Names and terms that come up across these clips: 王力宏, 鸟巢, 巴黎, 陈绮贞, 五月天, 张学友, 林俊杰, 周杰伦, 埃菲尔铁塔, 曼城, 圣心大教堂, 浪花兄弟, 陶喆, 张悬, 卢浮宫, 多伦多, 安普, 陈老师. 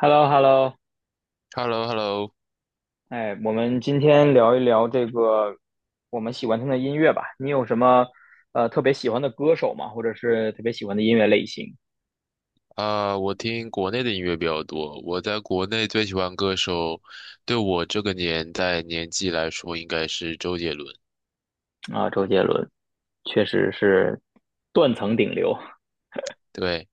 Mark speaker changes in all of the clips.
Speaker 1: h e l l o h e l l o
Speaker 2: h e l l o h e l l o
Speaker 1: 哎，我们今天聊一聊我们喜欢听的音乐吧。你有什么特别喜欢的歌手吗？或者是特别喜欢的音乐类型
Speaker 2: 啊，我听国内的音乐比较多。我在国内最喜欢歌手，对我这个年代年纪来说，应该是周杰伦。
Speaker 1: 啊？周杰伦确实是断层顶流。
Speaker 2: 对，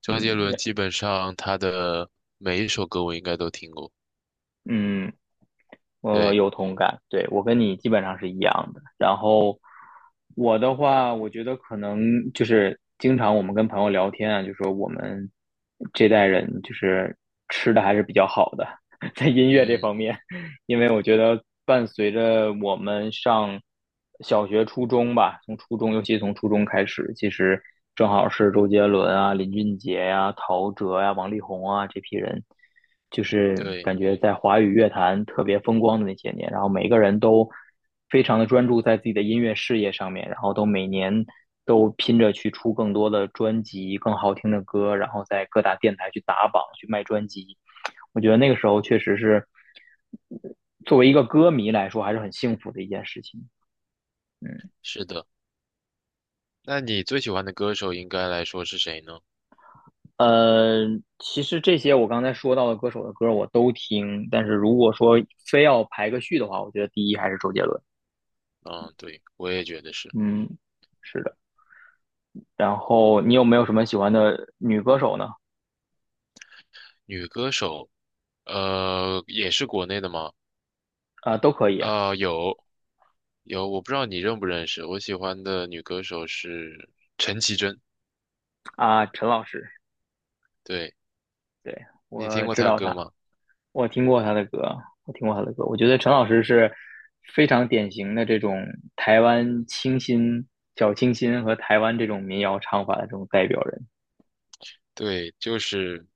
Speaker 2: 周杰伦
Speaker 1: 嗯
Speaker 2: 基本上他的每一首歌我应该都听过。
Speaker 1: 嗯
Speaker 2: 对，
Speaker 1: 有同感，对，我跟你基本上是一样的。然后我的话，我觉得可能就是经常我们跟朋友聊天啊，就说我们这代人就是吃的还是比较好的，在音乐这
Speaker 2: 嗯，
Speaker 1: 方面，因为我觉得伴随着我们上小学、初中吧，从初中，尤其从初中开始，其实正好是周杰伦啊、林俊杰呀、陶喆呀、王力宏啊这批人。就是
Speaker 2: 对，
Speaker 1: 感觉在华语乐坛特别风光的那些年，然后每个人都非常的专注在自己的音乐事业上面，然后都每年都拼着去出更多的专辑、更好听的歌，然后在各大电台去打榜、去卖专辑。我觉得那个时候确实是作为一个歌迷来说，还是很幸福的一件事情。
Speaker 2: 是的。那你最喜欢的歌手应该来说是谁呢？
Speaker 1: 呃，其实这些我刚才说到的歌手的歌我都听，但是如果说非要排个序的话，我觉得第一还是周杰伦。
Speaker 2: 嗯，对，我也觉得是
Speaker 1: 嗯，是的。然后你有没有什么喜欢的女歌手呢？
Speaker 2: 女歌手。也是国内的吗？
Speaker 1: 啊、都可以啊。
Speaker 2: 啊，有，有，我不知道你认不认识，我喜欢的女歌手是陈绮贞。
Speaker 1: 啊，陈老师，
Speaker 2: 对，
Speaker 1: 对，
Speaker 2: 你听
Speaker 1: 我
Speaker 2: 过
Speaker 1: 知
Speaker 2: 她
Speaker 1: 道
Speaker 2: 歌
Speaker 1: 他，
Speaker 2: 吗？
Speaker 1: 我听过他的歌，我听过他的歌。我觉得陈老师是非常典型的这种台湾清新、小清新和台湾这种民谣唱法的这种代表人。
Speaker 2: 对，就是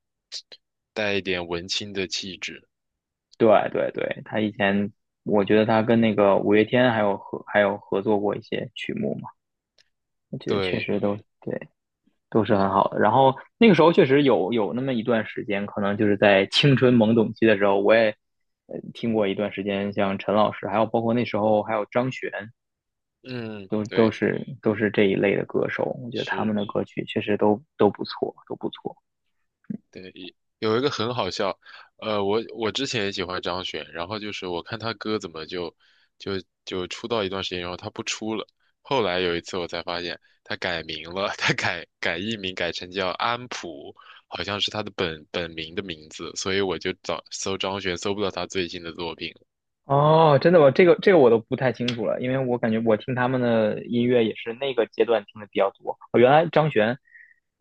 Speaker 2: 带一点文青的气质。
Speaker 1: 对对对，他以前我觉得他跟那个五月天还有合作过一些曲目嘛，我觉得确
Speaker 2: 对，
Speaker 1: 实都对。都是很好的。然后那个时候确实有那么一段时间，可能就是在青春懵懂期的时候，我也听过一段时间，像陈老师，还有包括那时候还有张悬，
Speaker 2: 嗯，
Speaker 1: 都都
Speaker 2: 对，
Speaker 1: 是都是这一类的歌手。我觉得他们
Speaker 2: 是。
Speaker 1: 的歌曲确实都不错，都不错。
Speaker 2: 对，有一个很好笑，我之前也喜欢张悬，然后就是我看他歌怎么就就出道一段时间，然后他不出了，后来有一次我才发现他改名了，他改艺名改成叫安普，好像是他的本名的名字，所以我就找搜张悬搜不到他最新的作品了。
Speaker 1: 哦，真的吗？这个我都不太清楚了，因为我感觉我听他们的音乐也是那个阶段听的比较多。哦，原来张悬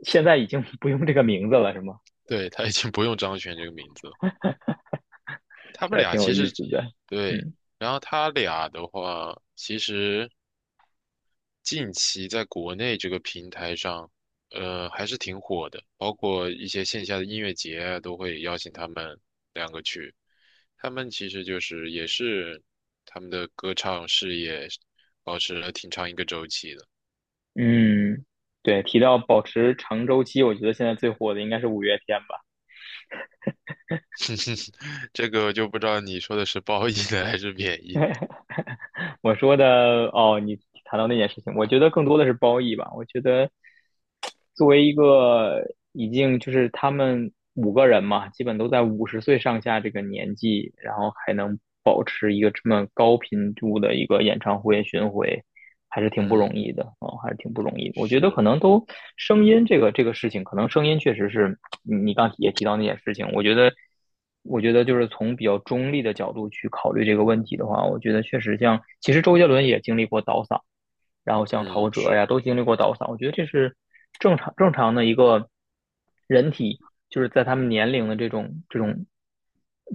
Speaker 1: 现在已经 不用这个名字了，是吗？
Speaker 2: 对，他已经不用张悬这个名字了。他
Speaker 1: 这
Speaker 2: 们
Speaker 1: 还
Speaker 2: 俩
Speaker 1: 挺有
Speaker 2: 其
Speaker 1: 意
Speaker 2: 实。
Speaker 1: 思的。
Speaker 2: 对。
Speaker 1: 嗯。
Speaker 2: 然后他俩的话，其实近期在国内这个平台上，还是挺火的，包括一些线下的音乐节啊，都会邀请他们两个去。他们其实就是也是他们的歌唱事业保持了挺长一个周期的。
Speaker 1: 嗯，对，提到保持长周期，我觉得现在最火的应该是五月天吧。
Speaker 2: 这个就不知道你说的是褒义的还是贬义。
Speaker 1: 我说的，哦，你谈到那件事情，我觉得更多的是褒义吧。我觉得作为一个已经就是他们五个人嘛，基本都在五十岁上下这个年纪，然后还能保持一个这么高频度的一个演唱会巡回，还是挺不容
Speaker 2: 嗯，
Speaker 1: 易的啊、哦还是挺不容易的我觉得可
Speaker 2: 是，
Speaker 1: 能都声音这个这个事情，可能声音确实是你刚也提到那件事情，我觉得。我觉得就是从比较中立的角度去考虑这个问题的话，我觉得确实像，其实周杰伦也经历过倒嗓然后像
Speaker 2: 嗯，
Speaker 1: 陶喆
Speaker 2: 是
Speaker 1: 呀，都经历过倒嗓，我觉得这是正常的一个人体，就是在他们年龄的这种这种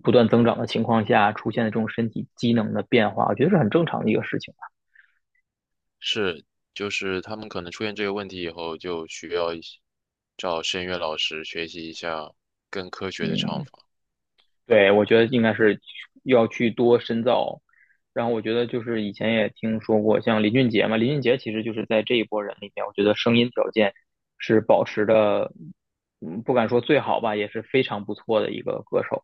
Speaker 1: 不断增长的情况下出现的这种身体机能的变化，我觉得是很正常的一个事情吧。
Speaker 2: 是，就是他们可能出现这个问题以后，就需要一些找声乐老师学习一下更科学的唱
Speaker 1: 嗯，
Speaker 2: 法。
Speaker 1: 对，我觉
Speaker 2: 可
Speaker 1: 得应
Speaker 2: 能。
Speaker 1: 该是要去多深造。然后我觉得就是以前也听说过，像林俊杰嘛，林俊杰其实就是在这一波人里面，我觉得声音条件是保持的，嗯，不敢说最好吧，也是非常不错的一个歌手。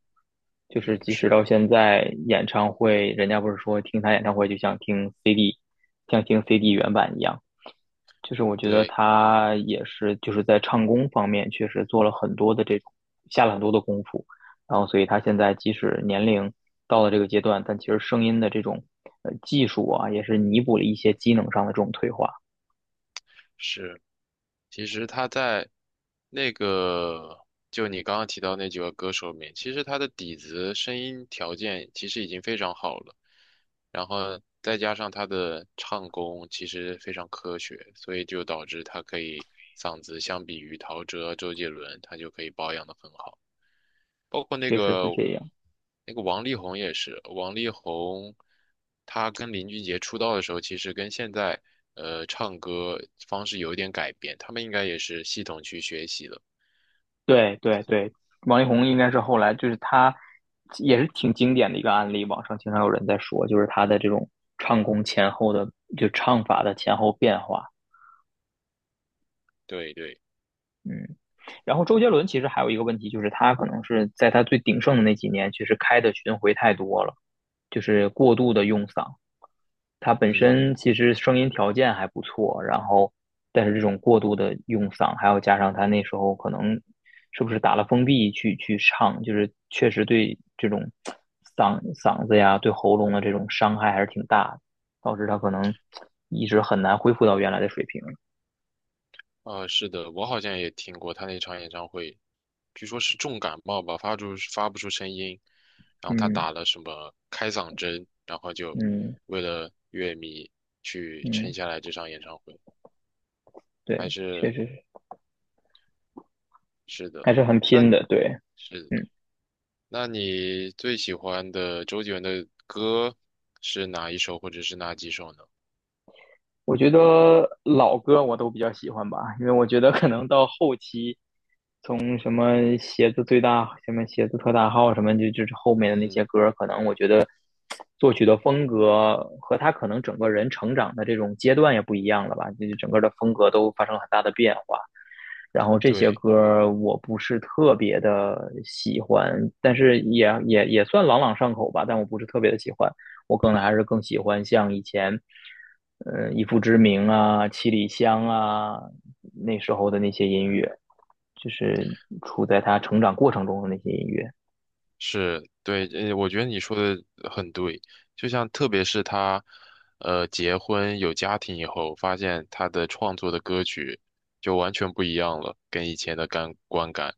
Speaker 1: 就是
Speaker 2: 嗯，
Speaker 1: 即使
Speaker 2: 是，
Speaker 1: 到现在，演唱会人家不是说听他演唱会就像听 CD,像听 CD 原版一样。就是我觉得
Speaker 2: 对，
Speaker 1: 他也是就是在唱功方面确实做了很多的这种下了很多的功夫，然后所以他现在即使年龄到了这个阶段，但其实声音的这种技术啊，也是弥补了一些机能上的这种退化，
Speaker 2: 是。其实他在那个，就你刚刚提到那几个歌手里面，其实他的底子、声音条件其实已经非常好了，然后再加上他的唱功其实非常科学，所以就导致他可以嗓子相比于陶喆、周杰伦，他就可以保养得很好。包括那
Speaker 1: 确实是
Speaker 2: 个
Speaker 1: 这样。
Speaker 2: 那个王力宏也是。王力宏他跟林俊杰出道的时候，其实跟现在唱歌方式有一点改变，他们应该也是系统去学习的。
Speaker 1: 对对对，王力宏应该是后来就是他也是挺经典的一个案例，网上经常有人在说，就是他的这种唱功前后的就唱法的前后变化。
Speaker 2: 对对，
Speaker 1: 嗯，然后周杰伦其实还有一个问题，就是他可能是在他最鼎盛的那几年，其实开的巡回太多了，就是过度的用嗓。他本
Speaker 2: 嗯，
Speaker 1: 身其实声音条件还不错，然后但是这种过度的用嗓，还有加上他那时候可能是不是打了封闭去唱，就是确实对这种嗓子呀、对喉咙的这种伤害还是挺大的，导致他可能一直很难恢复到原来的水平。
Speaker 2: 啊、是的，我好像也听过他那场演唱会，据说是重感冒吧，发不出声音，然后他
Speaker 1: 嗯
Speaker 2: 打了什么开嗓针，然后就
Speaker 1: 嗯
Speaker 2: 为了乐迷去撑
Speaker 1: 嗯，
Speaker 2: 下来这场演唱会，还
Speaker 1: 对，确
Speaker 2: 是
Speaker 1: 实是
Speaker 2: 是的。
Speaker 1: 还是很
Speaker 2: 那
Speaker 1: 拼
Speaker 2: 你
Speaker 1: 的，对。
Speaker 2: 是
Speaker 1: 嗯。
Speaker 2: 那你最喜欢的周杰伦的歌是哪一首，或者是哪几首呢？
Speaker 1: 我觉得老歌我都比较喜欢吧，因为我觉得可能到后期从什么鞋子最大、什么鞋子特大号什么，就是后面的那些
Speaker 2: 嗯，
Speaker 1: 歌可能我觉得作曲的风格和他可能整个人成长的这种阶段也不一样了吧，就是整个的风格都发生了很大的变化。然后这些
Speaker 2: 对，
Speaker 1: 歌我不是特别的喜欢，但是也算朗朗上口吧，但我不是特别的喜欢。我可能还是更喜欢像以前，以父之名啊、七里香啊那时候的那些音乐，就是处在他成长过程中的那些音乐。
Speaker 2: 是，对，我觉得你说的很对，就像特别是他，结婚有家庭以后，发现他的创作的歌曲就完全不一样了，跟以前的感观感，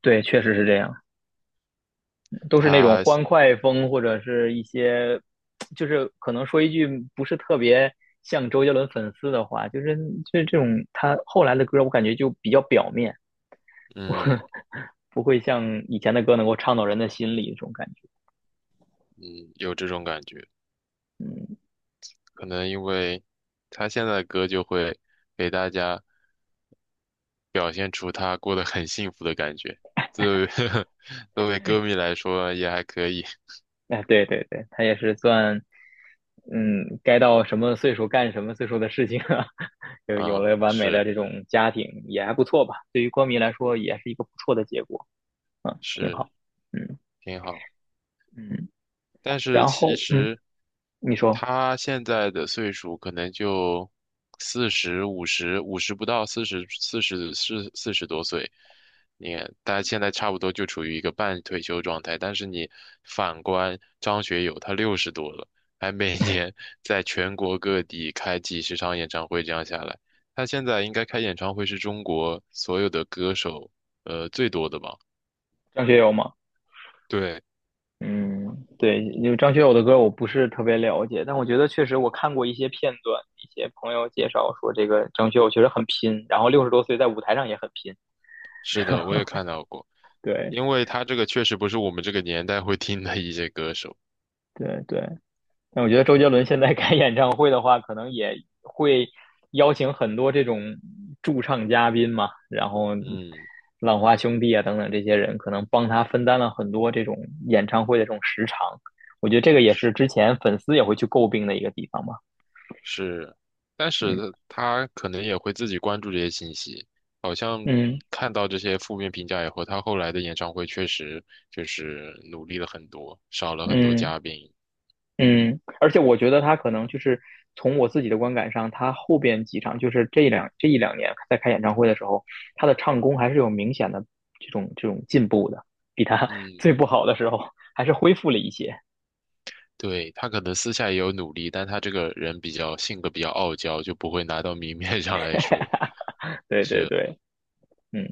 Speaker 1: 对，确实是这样。都是那种
Speaker 2: 他，
Speaker 1: 欢快风，或者是一些，就是可能说一句不是特别像周杰伦粉丝的话，就是这种他后来的歌，我感觉就比较表面，不
Speaker 2: 嗯
Speaker 1: 不会像以前的歌能够唱到人的心里这种感觉。
Speaker 2: 嗯，有这种感觉，
Speaker 1: 嗯，
Speaker 2: 可能因为他现在的歌就会给大家。表现出他过得很幸福的感觉。作为 作为歌迷来说也还可以。
Speaker 1: 哎，对对对，他也是算，嗯，该到什么岁数干什么岁数的事情啊，就有
Speaker 2: 嗯，
Speaker 1: 了完美的
Speaker 2: 是，
Speaker 1: 这种家庭也还不错吧，对于歌迷来说也是一个不错的结果，嗯，挺
Speaker 2: 是
Speaker 1: 好，嗯
Speaker 2: 挺好。
Speaker 1: 嗯，
Speaker 2: 但是
Speaker 1: 然后
Speaker 2: 其
Speaker 1: 嗯。
Speaker 2: 实
Speaker 1: 你说
Speaker 2: 他现在的岁数可能就四十、五十、五十不到四十、四十、40多岁。你看，他现在差不多就处于一个半退休状态。但是你反观张学友，他60多了，还每年 在全国各地开几十场演唱会，这样下来，他现在应该开演唱会是中国所有的歌手最多的吧？
Speaker 1: 张学友吗？
Speaker 2: 对，
Speaker 1: 嗯，对，因为张学友的歌我不是特别了解，但我觉得确实我看过一些片段，一些朋友介绍说这个张学友确实很拼，然后六十多岁在舞台上也很拼。
Speaker 2: 是的，我也看到过，
Speaker 1: 对
Speaker 2: 因为他这个确实不是我们这个年代会听的一些歌手。
Speaker 1: 对对，但我觉得周杰伦现在开演唱会的话，可能也会邀请很多这种驻唱嘉宾嘛，然后
Speaker 2: 嗯，
Speaker 1: 浪花兄弟啊等等这些人，可能帮他分担了很多这种演唱会的这种时长。我觉得这个也是之前粉丝也会去诟病的一个地方嘛。
Speaker 2: 是，但是
Speaker 1: 嗯
Speaker 2: 他可能也会自己关注这些信息，
Speaker 1: 嗯
Speaker 2: 看到这些负面评价以后，他后来的演唱会确实就是努力了很多，少了很多
Speaker 1: 嗯，
Speaker 2: 嘉宾。
Speaker 1: 嗯，而且我觉得他可能就是从我自己的观感上，他后边几场就是这一两年在开演唱会的时候，他的唱功还是有明显的这种进步的，比他
Speaker 2: 嗯，
Speaker 1: 最不好的时候还是恢复了一些。
Speaker 2: 对，他可能私下也有努力，但他这个人比较性格比较傲娇，就不会拿到明面 上来说，
Speaker 1: 对对对，嗯，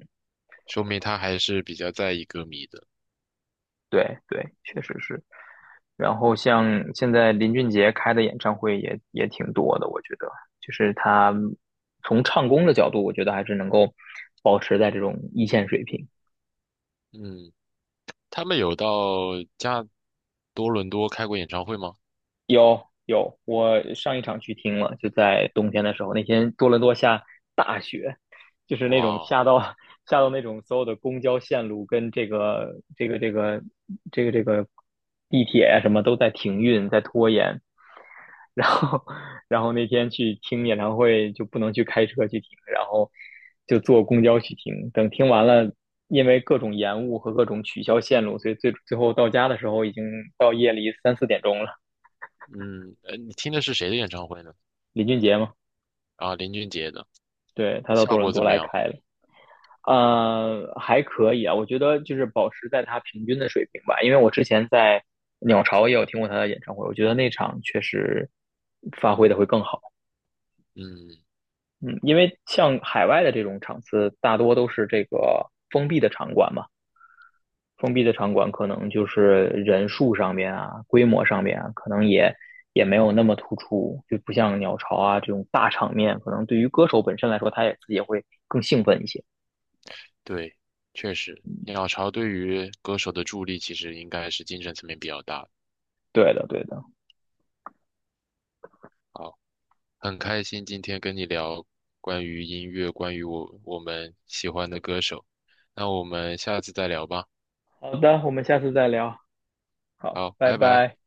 Speaker 2: 说明他还是比较在意歌迷的。
Speaker 1: 对对，确实是。然后像现在林俊杰开的演唱会也挺多的，我觉得就是他从唱功的角度，我觉得还是能够保持在这种一线水平。
Speaker 2: 嗯，他们有到多伦多开过演唱会吗？
Speaker 1: 有有，我上一场去听了，就在冬天的时候，那天多伦多下，就是那
Speaker 2: 哇
Speaker 1: 种
Speaker 2: 哦，
Speaker 1: 下到 下到那种所有的公交线路跟这个地铁啊什么都在停运，在拖延。然后 然后那天去听演唱会就不能去开车去听，然后就坐公交去听。等听完了，因为各种延误和各种取消线路，所以最后到家的时候已经到夜里三四点钟了。
Speaker 2: 嗯，你听的是谁的演唱会呢？
Speaker 1: 林俊杰嘛。
Speaker 2: 啊，林俊杰的。
Speaker 1: 对，他到
Speaker 2: 效
Speaker 1: 多伦
Speaker 2: 果怎
Speaker 1: 多
Speaker 2: 么
Speaker 1: 来
Speaker 2: 样？
Speaker 1: 开了，呃，还可以啊，我觉得就是保持在他平均的水平吧，因为我之前在鸟巢也有听过他的演唱会，我觉得那场确实发挥的会更好，
Speaker 2: 嗯，
Speaker 1: 嗯，因为像海外的这种场次，大多都是这个封闭的场馆嘛，封闭的场馆可能就是人数上面啊，规模上面啊，可能也没有那么突出，就不像鸟巢啊这种大场面，可能对于歌手本身来说，他也自己也会更兴奋一些，
Speaker 2: 对，确实，鸟巢对于歌手的助力其实应该是精神层面比较大的。
Speaker 1: 对的，对的。
Speaker 2: 好，很开心今天跟你聊关于音乐，关于我们喜欢的歌手。那我们下次再聊吧。
Speaker 1: 好的，我们下次再聊。好，
Speaker 2: 好，
Speaker 1: 拜
Speaker 2: 拜拜。
Speaker 1: 拜。